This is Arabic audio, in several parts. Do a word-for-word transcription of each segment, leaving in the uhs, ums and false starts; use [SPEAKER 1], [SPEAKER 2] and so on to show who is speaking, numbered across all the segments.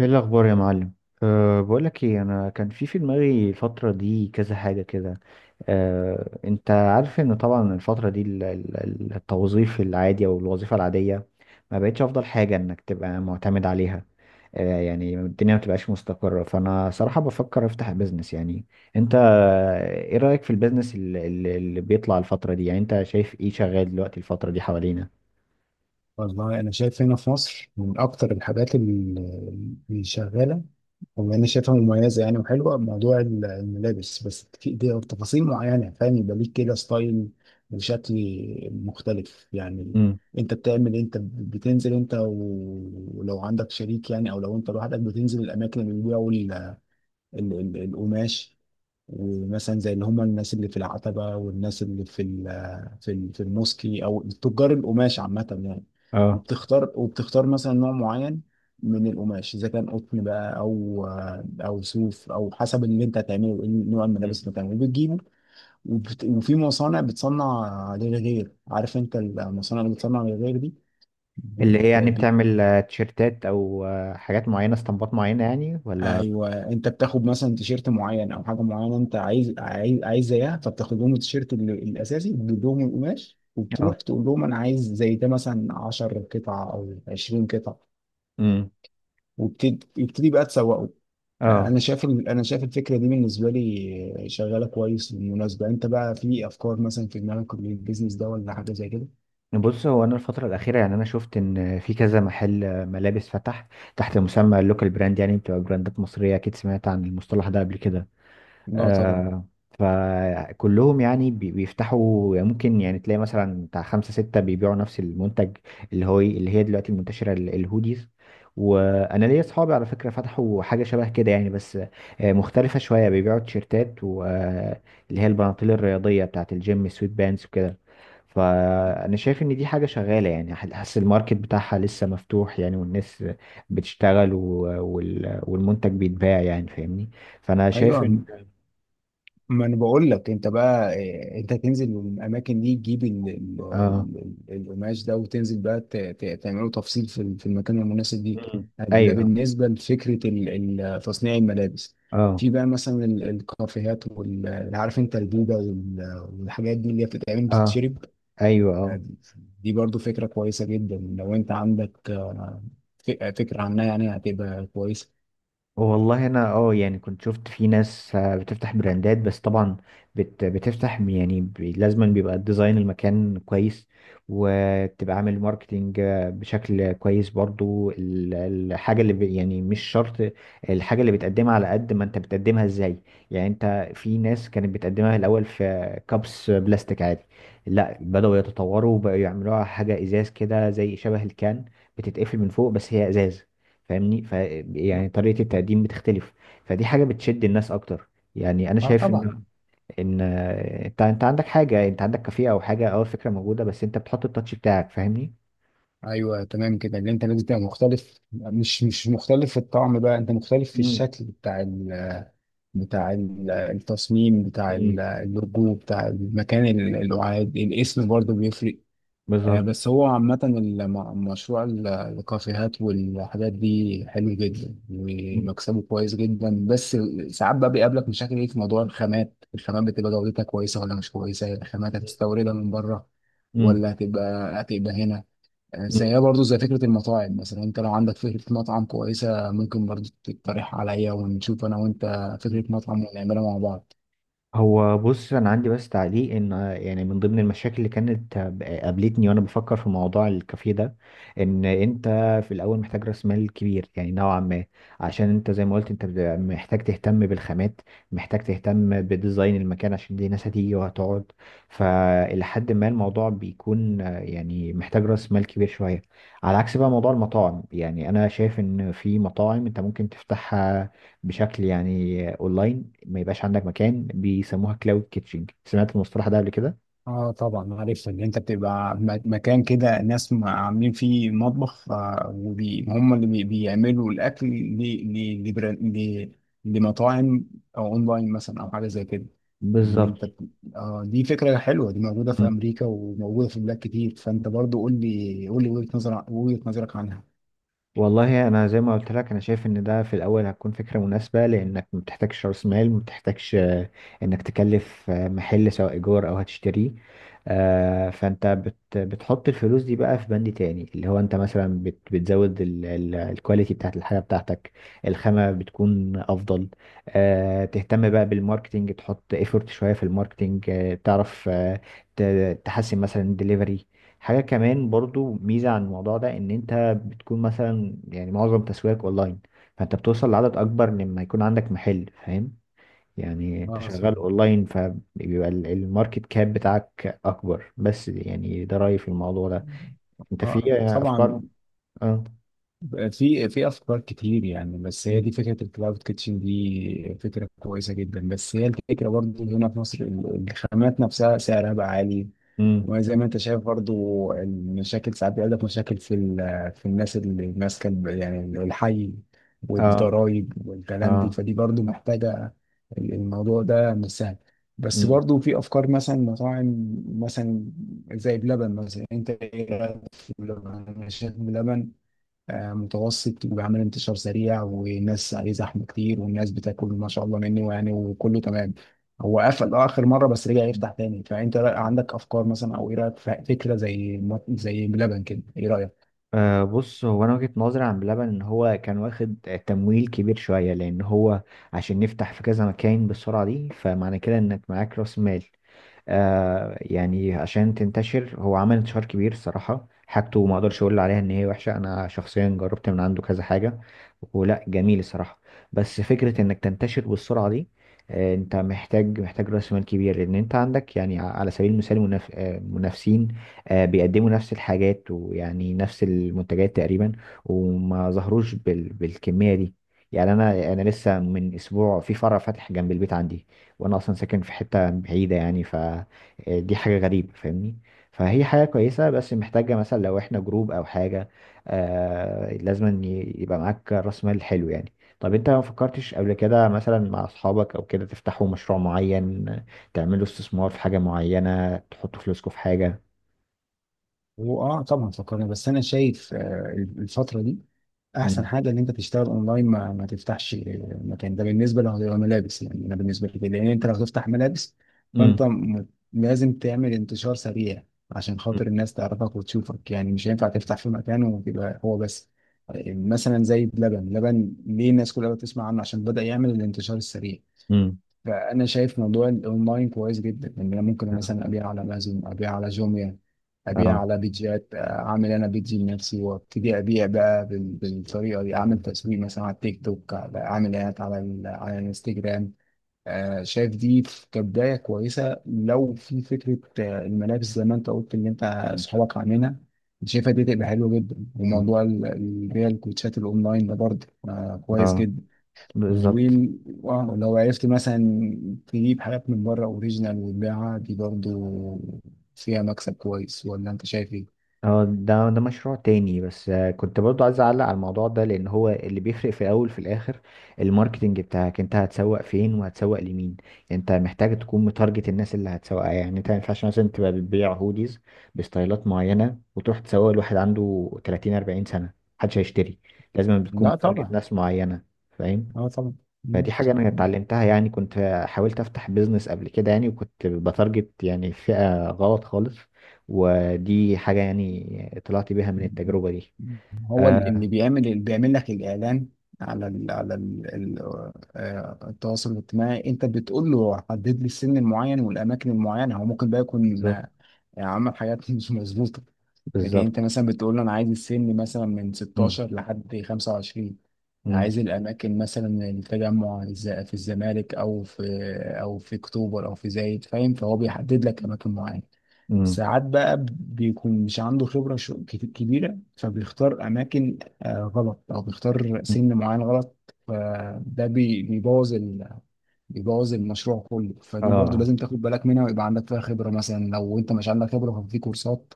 [SPEAKER 1] ايه الاخبار يا معلم؟ أه بقولك ايه، انا كان في في دماغي الفتره دي كذا حاجه كده. أه انت عارف ان طبعا الفتره دي ال- ال- ال- التوظيف العادي او الوظيفه العاديه ما بقتش افضل حاجه انك تبقى معتمد عليها. أه يعني الدنيا ما بتبقاش مستقره، فانا صراحه بفكر افتح بيزنس يعني. انت آه، ايه رايك في البيزنس اللي, اللي بيطلع الفتره دي؟ يعني انت شايف ايه شغال دلوقتي الفتره دي حوالينا؟
[SPEAKER 2] والله انا شايف هنا في مصر من اكتر الحاجات ال- اللي شغاله، وما انا شايفها مميزه يعني وحلوه، موضوع ال- الملابس. بس في دي تفاصيل معينه، فاهم؟ يبقى ليك كده ستايل وشكل مختلف يعني.
[SPEAKER 1] امم.
[SPEAKER 2] انت بتعمل إيه؟ انت بتنزل انت و- ولو عندك شريك يعني، او لو انت لوحدك بتنزل الاماكن اللي بيبيعوا ال- ال- ال- القماش، ومثلا زي اللي هم الناس اللي في العتبة والناس اللي في ال في ال في الموسكي، او تجار القماش عامة يعني.
[SPEAKER 1] اه.
[SPEAKER 2] وبتختار وبتختار مثلا نوع معين من القماش، اذا كان قطن بقى او او صوف، او حسب اللي انت هتعمله، إيه نوع الملابس اللي هتعمله بتجيبه. وبت... وفي مصانع بتصنع للغير، عارف انت المصانع اللي بتصنع للغير دي.
[SPEAKER 1] اللي هي يعني
[SPEAKER 2] بت...
[SPEAKER 1] بتعمل آه، تيشيرتات او آه، حاجات معينه، اسطمبات معينه يعني، ولا؟
[SPEAKER 2] ايوه، انت بتاخد مثلا تيشيرت معين او حاجه معينه انت عايز عايز عايز زيها، فبتاخد لهم التيشيرت ال- الاساسي، بتجيب لهم القماش،
[SPEAKER 1] اه.
[SPEAKER 2] وبتروح تقول لهم انا عايز زي ده مثلا عشر قطعه او عشرون قطعه،
[SPEAKER 1] امم.
[SPEAKER 2] وبتبتدي بقى تسوقه. آه،
[SPEAKER 1] اه.
[SPEAKER 2] انا شايف ال- انا شايف الفكره دي بالنسبه لي شغاله كويس. بالمناسبه، انت بقى في افكار مثلا في دماغك للبيزنس ده، ولا حاجه زي كده؟
[SPEAKER 1] بص، هو انا الفتره الاخيره يعني انا شفت ان في كذا محل آه، ملابس فتح تحت مسمى اللوكال براند. يعني بتبقى براندات مصريه، اكيد سمعت عن المصطلح ده قبل كده.
[SPEAKER 2] اه طبعا.
[SPEAKER 1] آه، فكلهم يعني بي- بيفتحوا، ممكن يعني تلاقي مثلا بتاع خمسة ستة بيبيعوا نفس المنتج، اللي هو اللي هي دلوقتي المنتشرة ال- الهوديز. وانا ليا اصحابي على فكرة فتحوا حاجة شبه كده يعني، بس آه، مختلفة شوية، بيبيعوا تيشيرتات واللي هي البناطيل الرياضية بتاعة الجيم السويت بانس وكده. فانا شايف ان دي حاجة شغالة، يعني ح- حاسس الماركت بتاعها لسه مفتوح يعني، والناس بتشتغل، و- وال- والمنتج بيتباع يعني، فاهمني؟ فانا شايف
[SPEAKER 2] ايوه،
[SPEAKER 1] ان
[SPEAKER 2] ما انا بقول لك، انت بقى إيه، انت تنزل من الاماكن دي، تجيب ال- ال-
[SPEAKER 1] اه.
[SPEAKER 2] ال- ال- القماش ده، وتنزل بقى ت- ت- تعمله تفصيل في ال- في المكان المناسب دي.
[SPEAKER 1] مم.
[SPEAKER 2] ده
[SPEAKER 1] ايوه.
[SPEAKER 2] بالنسبه لفكره ال- ال- تصنيع الملابس.
[SPEAKER 1] اه.
[SPEAKER 2] في بقى مثلا ال- الكافيهات وال- عارف انت البوبه وال- والحاجات دي اللي هي بتتعمل
[SPEAKER 1] اه.
[SPEAKER 2] بتتشرب.
[SPEAKER 1] ايوه. اه.
[SPEAKER 2] دي برضو فكره كويسه جدا لو انت عندك آه، ف- فكره عنها يعني، هتبقى كويسه.
[SPEAKER 1] والله انا اه يعني كنت شفت في ناس آه، بتفتح براندات، بس طبعا بت بتفتح يعني، ب- لازما بيبقى ديزاين المكان كويس، وبتبقى عامل ماركتينج آه، بشكل كويس برضو. ال- الحاجة اللي بي- يعني مش شرط الحاجة اللي بتقدمها، على قد ما انت بتقدمها ازاي. يعني انت في ناس كانت بتقدمها الاول في كابس بلاستيك عادي، لا بدأوا يتطوروا وبقوا يعملوها حاجة ازاز كده زي شبه الكان، بتتقفل من فوق بس هي ازاز، فاهمني؟ ف يعني طريقة التقديم بتختلف، فدي حاجة بتشد الناس اكتر. يعني انا
[SPEAKER 2] اه
[SPEAKER 1] شايف ان
[SPEAKER 2] طبعا.
[SPEAKER 1] ان انت انت عندك حاجة، انت عندك كافيه او حاجة او الفكرة موجودة، بس انت بتحط التاتش بتاعك، فاهمني؟
[SPEAKER 2] ايوه تمام كده، اللي انت لازم تبقى مختلف، مش مش مختلف في الطعم بقى، انت مختلف في
[SPEAKER 1] امم.
[SPEAKER 2] الشكل بتاع ال بتاع ال- التصميم، بتاع ال-
[SPEAKER 1] امم.
[SPEAKER 2] اللوجو، بتاع المكان، ال- القعاد، الاسم برضه بيفرق. آه،
[SPEAKER 1] بالظبط.
[SPEAKER 2] بس هو عامة الم- مشروع ال- الكافيهات والحاجات دي حلو جدا ومكسبه كويس جدا. بس ساعات بقى بيقابلك مشاكل، ايه في موضوع الخامات؟ الخامات بتبقى جودتها كويسة ولا مش كويسة؟ الخامات هتستوردها من بره،
[SPEAKER 1] امم.
[SPEAKER 2] ولا هتبقى هتبقى هنا؟ زيها برضو زي فكرة المطاعم مثلا. انت لو عندك فكرة مطعم كويسة ممكن برضو تقترح عليا، ونشوف انا وانت فكرة مطعم ونعملها مع بعض.
[SPEAKER 1] هو بص، انا عندي بس تعليق ان آه، يعني من ضمن المشاكل اللي كانت آه، قابلتني وانا بفكر في موضوع الكافيه ده ان انت في الاول محتاج راس مال كبير يعني نوعا ما، عشان انت زي ما قلت انت بتبقى محتاج تهتم بالخامات، محتاج تهتم بديزاين المكان عشان دي ناس هتيجي وهتقعد. فلحد ما الموضوع بيكون آه، يعني محتاج راس مال كبير شوية. على عكس بقى موضوع المطاعم، يعني انا شايف ان في مطاعم انت ممكن تفتحها بشكل يعني اونلاين، ما يبقاش عندك مكان. بيسموها كلاود كيتشنج، سمعت المصطلح ده قبل كده؟
[SPEAKER 2] اه طبعا، عارف ان انت بتبقى م- مكان كده، ناس م- عاملين فيه مطبخ، وهم اللي بي- بيعملوا الاكل ل- ل- لبرا- ل- لمطاعم، او اونلاين مثلا، او حاجة زي كده. اللي
[SPEAKER 1] بالظبط.
[SPEAKER 2] انت بت- آه، دي فكرة حلوة، دي موجودة في
[SPEAKER 1] مم.
[SPEAKER 2] امريكا وموجودة في بلاد كتير. فانت برضو قول لي قول لي وجهة نظرك، وجهة نظرك عنها
[SPEAKER 1] والله انا زي ما قلت لك، انا شايف ان ده في الاول هتكون فكره مناسبه لانك ما بتحتاجش راس مال، ما بتحتاجش آه، انك تكلف آه، محل سواء ايجار او هتشتريه. آه، فانت بت بتحط الفلوس دي بقى في بند تاني، اللي هو انت مثلا بت بتزود ال- ال- الكواليتي بتاعت الحاجه بتاعتك. الخامه بتكون افضل. آه، تهتم بقى بالماركتينج، تحط ايفورت شويه في الماركتينج، آه، تعرف، آه، ت- تحسن مثلا الدليفري. حاجة كمان برضو ميزة عن الموضوع ده ان انت بتكون مثلا يعني معظم تسويقك اونلاين، فانت بتوصل لعدد اكبر لما يكون عندك محل، فاهم؟ يعني انت
[SPEAKER 2] اه صح.
[SPEAKER 1] شغال اونلاين فبيبقى ال- الماركت كاب بتاعك اكبر. بس يعني ده رأيي في الموضوع ده. انت في
[SPEAKER 2] آه، طبعا.
[SPEAKER 1] افكار؟ اه.
[SPEAKER 2] في في افكار كتير يعني، بس هي دي فكره الكلاود كيتشن، دي فكره كويسه جدا. بس هي الفكره برضو هنا في مصر، ال- الخامات نفسها سعرها بقى عالي.
[SPEAKER 1] امم.
[SPEAKER 2] وزي ما انت شايف برضو المشاكل ساعات بيقول لك، مشاكل في ال- في الناس اللي ماسكه ال- يعني الحي
[SPEAKER 1] اه.
[SPEAKER 2] والضرايب والكلام دي،
[SPEAKER 1] اه.
[SPEAKER 2] فدي برضو محتاجه، ال- الموضوع ده مش سهل. بس
[SPEAKER 1] امم.
[SPEAKER 2] برضو في افكار مثلا مطاعم، مثلا زي بلبن مثلا. انت ايه، لبن شرب لبن. آه، متوسط، وبيعمل انتشار سريع والناس عليه زحمه كتير والناس بتاكل ما شاء الله منه يعني، وكله تمام. هو قفل آه، اخر مره، بس رجع يفتح تاني. فانت رأ- عندك افكار مثلا، او ايه رايك في فكره زي مط- زي بلبن كده، ايه رايك؟
[SPEAKER 1] آه بص، هو انا وجهة نظري عن بلبن ان هو كان واخد تمويل كبير شوية، لان هو عشان نفتح في كذا مكان بالسرعة دي، فمعنى كده انك معاك راس مال. آه يعني عشان تنتشر. هو عمل انتشار كبير الصراحة، حاجته ما اقدرش اقول عليها ان هي وحشة، انا شخصيا جربت من عنده كذا حاجة ولا جميل الصراحة. بس فكرة انك تنتشر بالسرعة دي، آه انت محتاج محتاج راس مال كبير، لان انت عندك يعني ع- على سبيل المثال منف... آه، منافسين آه بيقدموا نفس الحاجات ويعني نفس المنتجات تقريبا، وما ظهروش بال... بالكمية دي. يعني انا انا لسه من اسبوع في فرع فاتح جنب البيت عندي، وانا اصلا ساكن في حته بعيده يعني، فدي حاجه غريبه فاهمني. فهي حاجه كويسه بس محتاجه مثلا لو احنا جروب او حاجه، آه لازم ي- يبقى معاك راس مال حلو يعني. طب انت ما فكرتش قبل كده مثلا مع اصحابك او كده تفتحوا مشروع معين، تعملوا استثمار في حاجه معينه، تحطوا فلوسكم في حاجه؟
[SPEAKER 2] هو اه طبعا فكرنا، بس انا شايف آه، الفتره دي احسن
[SPEAKER 1] امم.
[SPEAKER 2] حاجه ان انت تشتغل اونلاين، ما, ما تفتحش مكان. ده بالنسبه لو لو ملابس يعني، انا بالنسبه لي كده، لان انت لو تفتح ملابس فانت
[SPEAKER 1] امم.
[SPEAKER 2] م- لازم تعمل انتشار سريع عشان خاطر الناس تعرفك وتشوفك يعني. مش هينفع تفتح في مكان وتبقى هو بس. مثلا زي بلبن، لبن ليه الناس كلها بتسمع عنه؟ عشان بدأ يعمل الانتشار السريع.
[SPEAKER 1] امم.
[SPEAKER 2] فانا شايف موضوع الاونلاين كويس جدا، ان انا ممكن
[SPEAKER 1] اه.
[SPEAKER 2] مثلا ابيع على امازون، ابيع على جوميا، ابيع
[SPEAKER 1] آه.
[SPEAKER 2] على بيدجات، اعمل انا بيدج لنفسي وابتدي ابيع بقى بال- بالطريقه دي، اعمل تسويق مثلا على التيك توك، على- اعمل اعلانات على ال- على الانستجرام. آه، شايف دي ف- كبدايه كويسه لو في فكره، آه، الملابس زي ما انت قلت اللي انت
[SPEAKER 1] مم.
[SPEAKER 2] اصحابك عاملينها، شايفها دي تبقى حلوه جدا.
[SPEAKER 1] مم.
[SPEAKER 2] وموضوع ال- البيع الكوتشات الاونلاين ده برضه آه، كويس
[SPEAKER 1] اه.
[SPEAKER 2] جدا.
[SPEAKER 1] بالظبط.
[SPEAKER 2] وال- ولو عرفت مثلا تجيب حاجات من بره اوريجينال وتبيعها، دي برضو فيها مكسب كويس، ولا انت شايف ايه؟
[SPEAKER 1] اه، ده ده مشروع تاني، بس آه، كنت برضو عايز اعلق على الموضوع ده، لان هو اللي بيفرق في الاول في الاخر الماركتنج بتاعك. انت هتسوق فين وهتسوق لمين؟ يعني انت محتاج تكون متارجت الناس اللي هتسوقها. يعني انت ما ينفعش مثلا تبقى بتبيع هوديز بستايلات معينة وتروح تسوق لواحد عنده تلاتين اربعين سنة، محدش هيشتري. لازم بتكون
[SPEAKER 2] لا
[SPEAKER 1] متارجت
[SPEAKER 2] طبعا.
[SPEAKER 1] ناس معينة، فاهم؟
[SPEAKER 2] اه طبعا.
[SPEAKER 1] فدي حاجة أنا اتعلمتها، يعني كنت حاولت أفتح بيزنس قبل كده يعني وكنت بتارجت يعني فئة غلط خالص، ودي حاجة يعني طلعت بيها من التجربة دي.
[SPEAKER 2] هو ال- اللي
[SPEAKER 1] آه.
[SPEAKER 2] بيعمل اللي بيعمل لك الاعلان على ال على ال ال آه، التواصل الاجتماعي، انت بتقول له حدد لي السن المعين والاماكن المعينه. هو ممكن بقى يكون
[SPEAKER 1] بالظبط.
[SPEAKER 2] آه، عمل حاجات مش مظبوطه. لكن انت
[SPEAKER 1] بالظبط.
[SPEAKER 2] مثلا بتقول له انا عايز السن مثلا من
[SPEAKER 1] مم.
[SPEAKER 2] ستة عشر لحد خمسة وعشرين، انا
[SPEAKER 1] مم.
[SPEAKER 2] عايز الاماكن مثلا التجمع، الز- في الزمالك، او في او في اكتوبر، او في زايد، فاهم؟ فهو بيحدد لك اماكن معينه.
[SPEAKER 1] مم.
[SPEAKER 2] ساعات بقى بيكون مش عنده خبرة ش- كت- كبيرة، فبيختار أماكن آه، غلط، أو بيختار
[SPEAKER 1] مم.
[SPEAKER 2] سن معين غلط. فده بي- بيبوظ ال... بيبوظ المشروع كله. فدي برضو
[SPEAKER 1] اه.
[SPEAKER 2] لازم تاخد بالك منها، ويبقى عندك فيها خبرة مثلا. لو أنت مش عندك خبرة ففي كورسات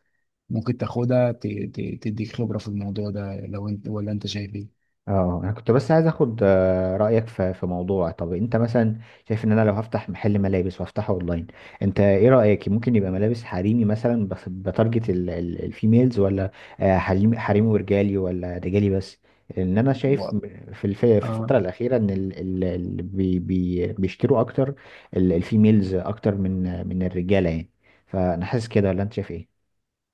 [SPEAKER 2] ممكن تاخدها ت... ت... تديك خبرة في الموضوع ده، لو أنت. ولا أنت شايف إيه؟
[SPEAKER 1] اه، انا كنت بس عايز اخد آه، رايك في في موضوع. طب انت مثلا شايف ان انا لو هفتح محل ملابس وافتحه اونلاين، انت ايه رايك؟ ممكن يبقى ملابس حريمي مثلا بس بتارجت ال- ال- الفيميلز، ولا آه، حريمي حريمي ورجالي، ولا رجالي بس؟ ان انا شايف
[SPEAKER 2] و-
[SPEAKER 1] م- في الف- في
[SPEAKER 2] آه.
[SPEAKER 1] الفتره الاخيره ان ال- ال- اللي بي- بي- بيشتروا اكتر ال- الفيميلز اكتر من من الرجاله يعني. فانا حاسس كده، ولا انت شايف ايه؟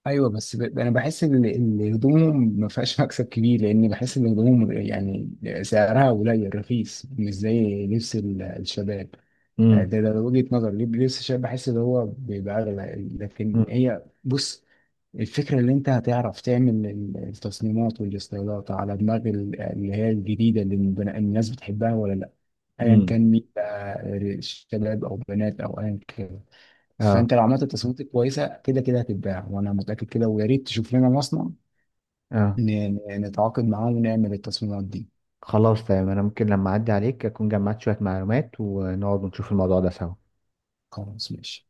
[SPEAKER 2] ايوه، بس ب... انا بحس ان إن هدومهم ما فيهاش مكسب كبير، لان بحس ان هدومهم يعني سعرها قليل رخيص، مش زي لبس ال- الشباب. آه،
[SPEAKER 1] امم.
[SPEAKER 2] ده ده وجهة نظر. لبس الشباب بحس ان هو بيبقى اغلى. لكن
[SPEAKER 1] امم.
[SPEAKER 2] هي بص، الفكرة اللي انت هتعرف تعمل ال- التصميمات والاستايلات على دماغ ال- اللي هي الجديدة اللي البن- الناس بتحبها ولا لا، ايا
[SPEAKER 1] امم.
[SPEAKER 2] كان مين بقى، آه، شباب او بنات او ايا كان.
[SPEAKER 1] اه.
[SPEAKER 2] فانت لو عملت تصميمات كويسه، كده كده هتتباع، وانا متاكد كده. ويا ريت تشوف لنا مصنع
[SPEAKER 1] اه.
[SPEAKER 2] ن- ن- نتعاقد معاه ونعمل التصميمات دي.
[SPEAKER 1] خلاص، تمام. انا ممكن لما اعدي عليك اكون جمعت شوية معلومات ونقعد ونشوف الموضوع ده سوا.
[SPEAKER 2] خلاص ماشي.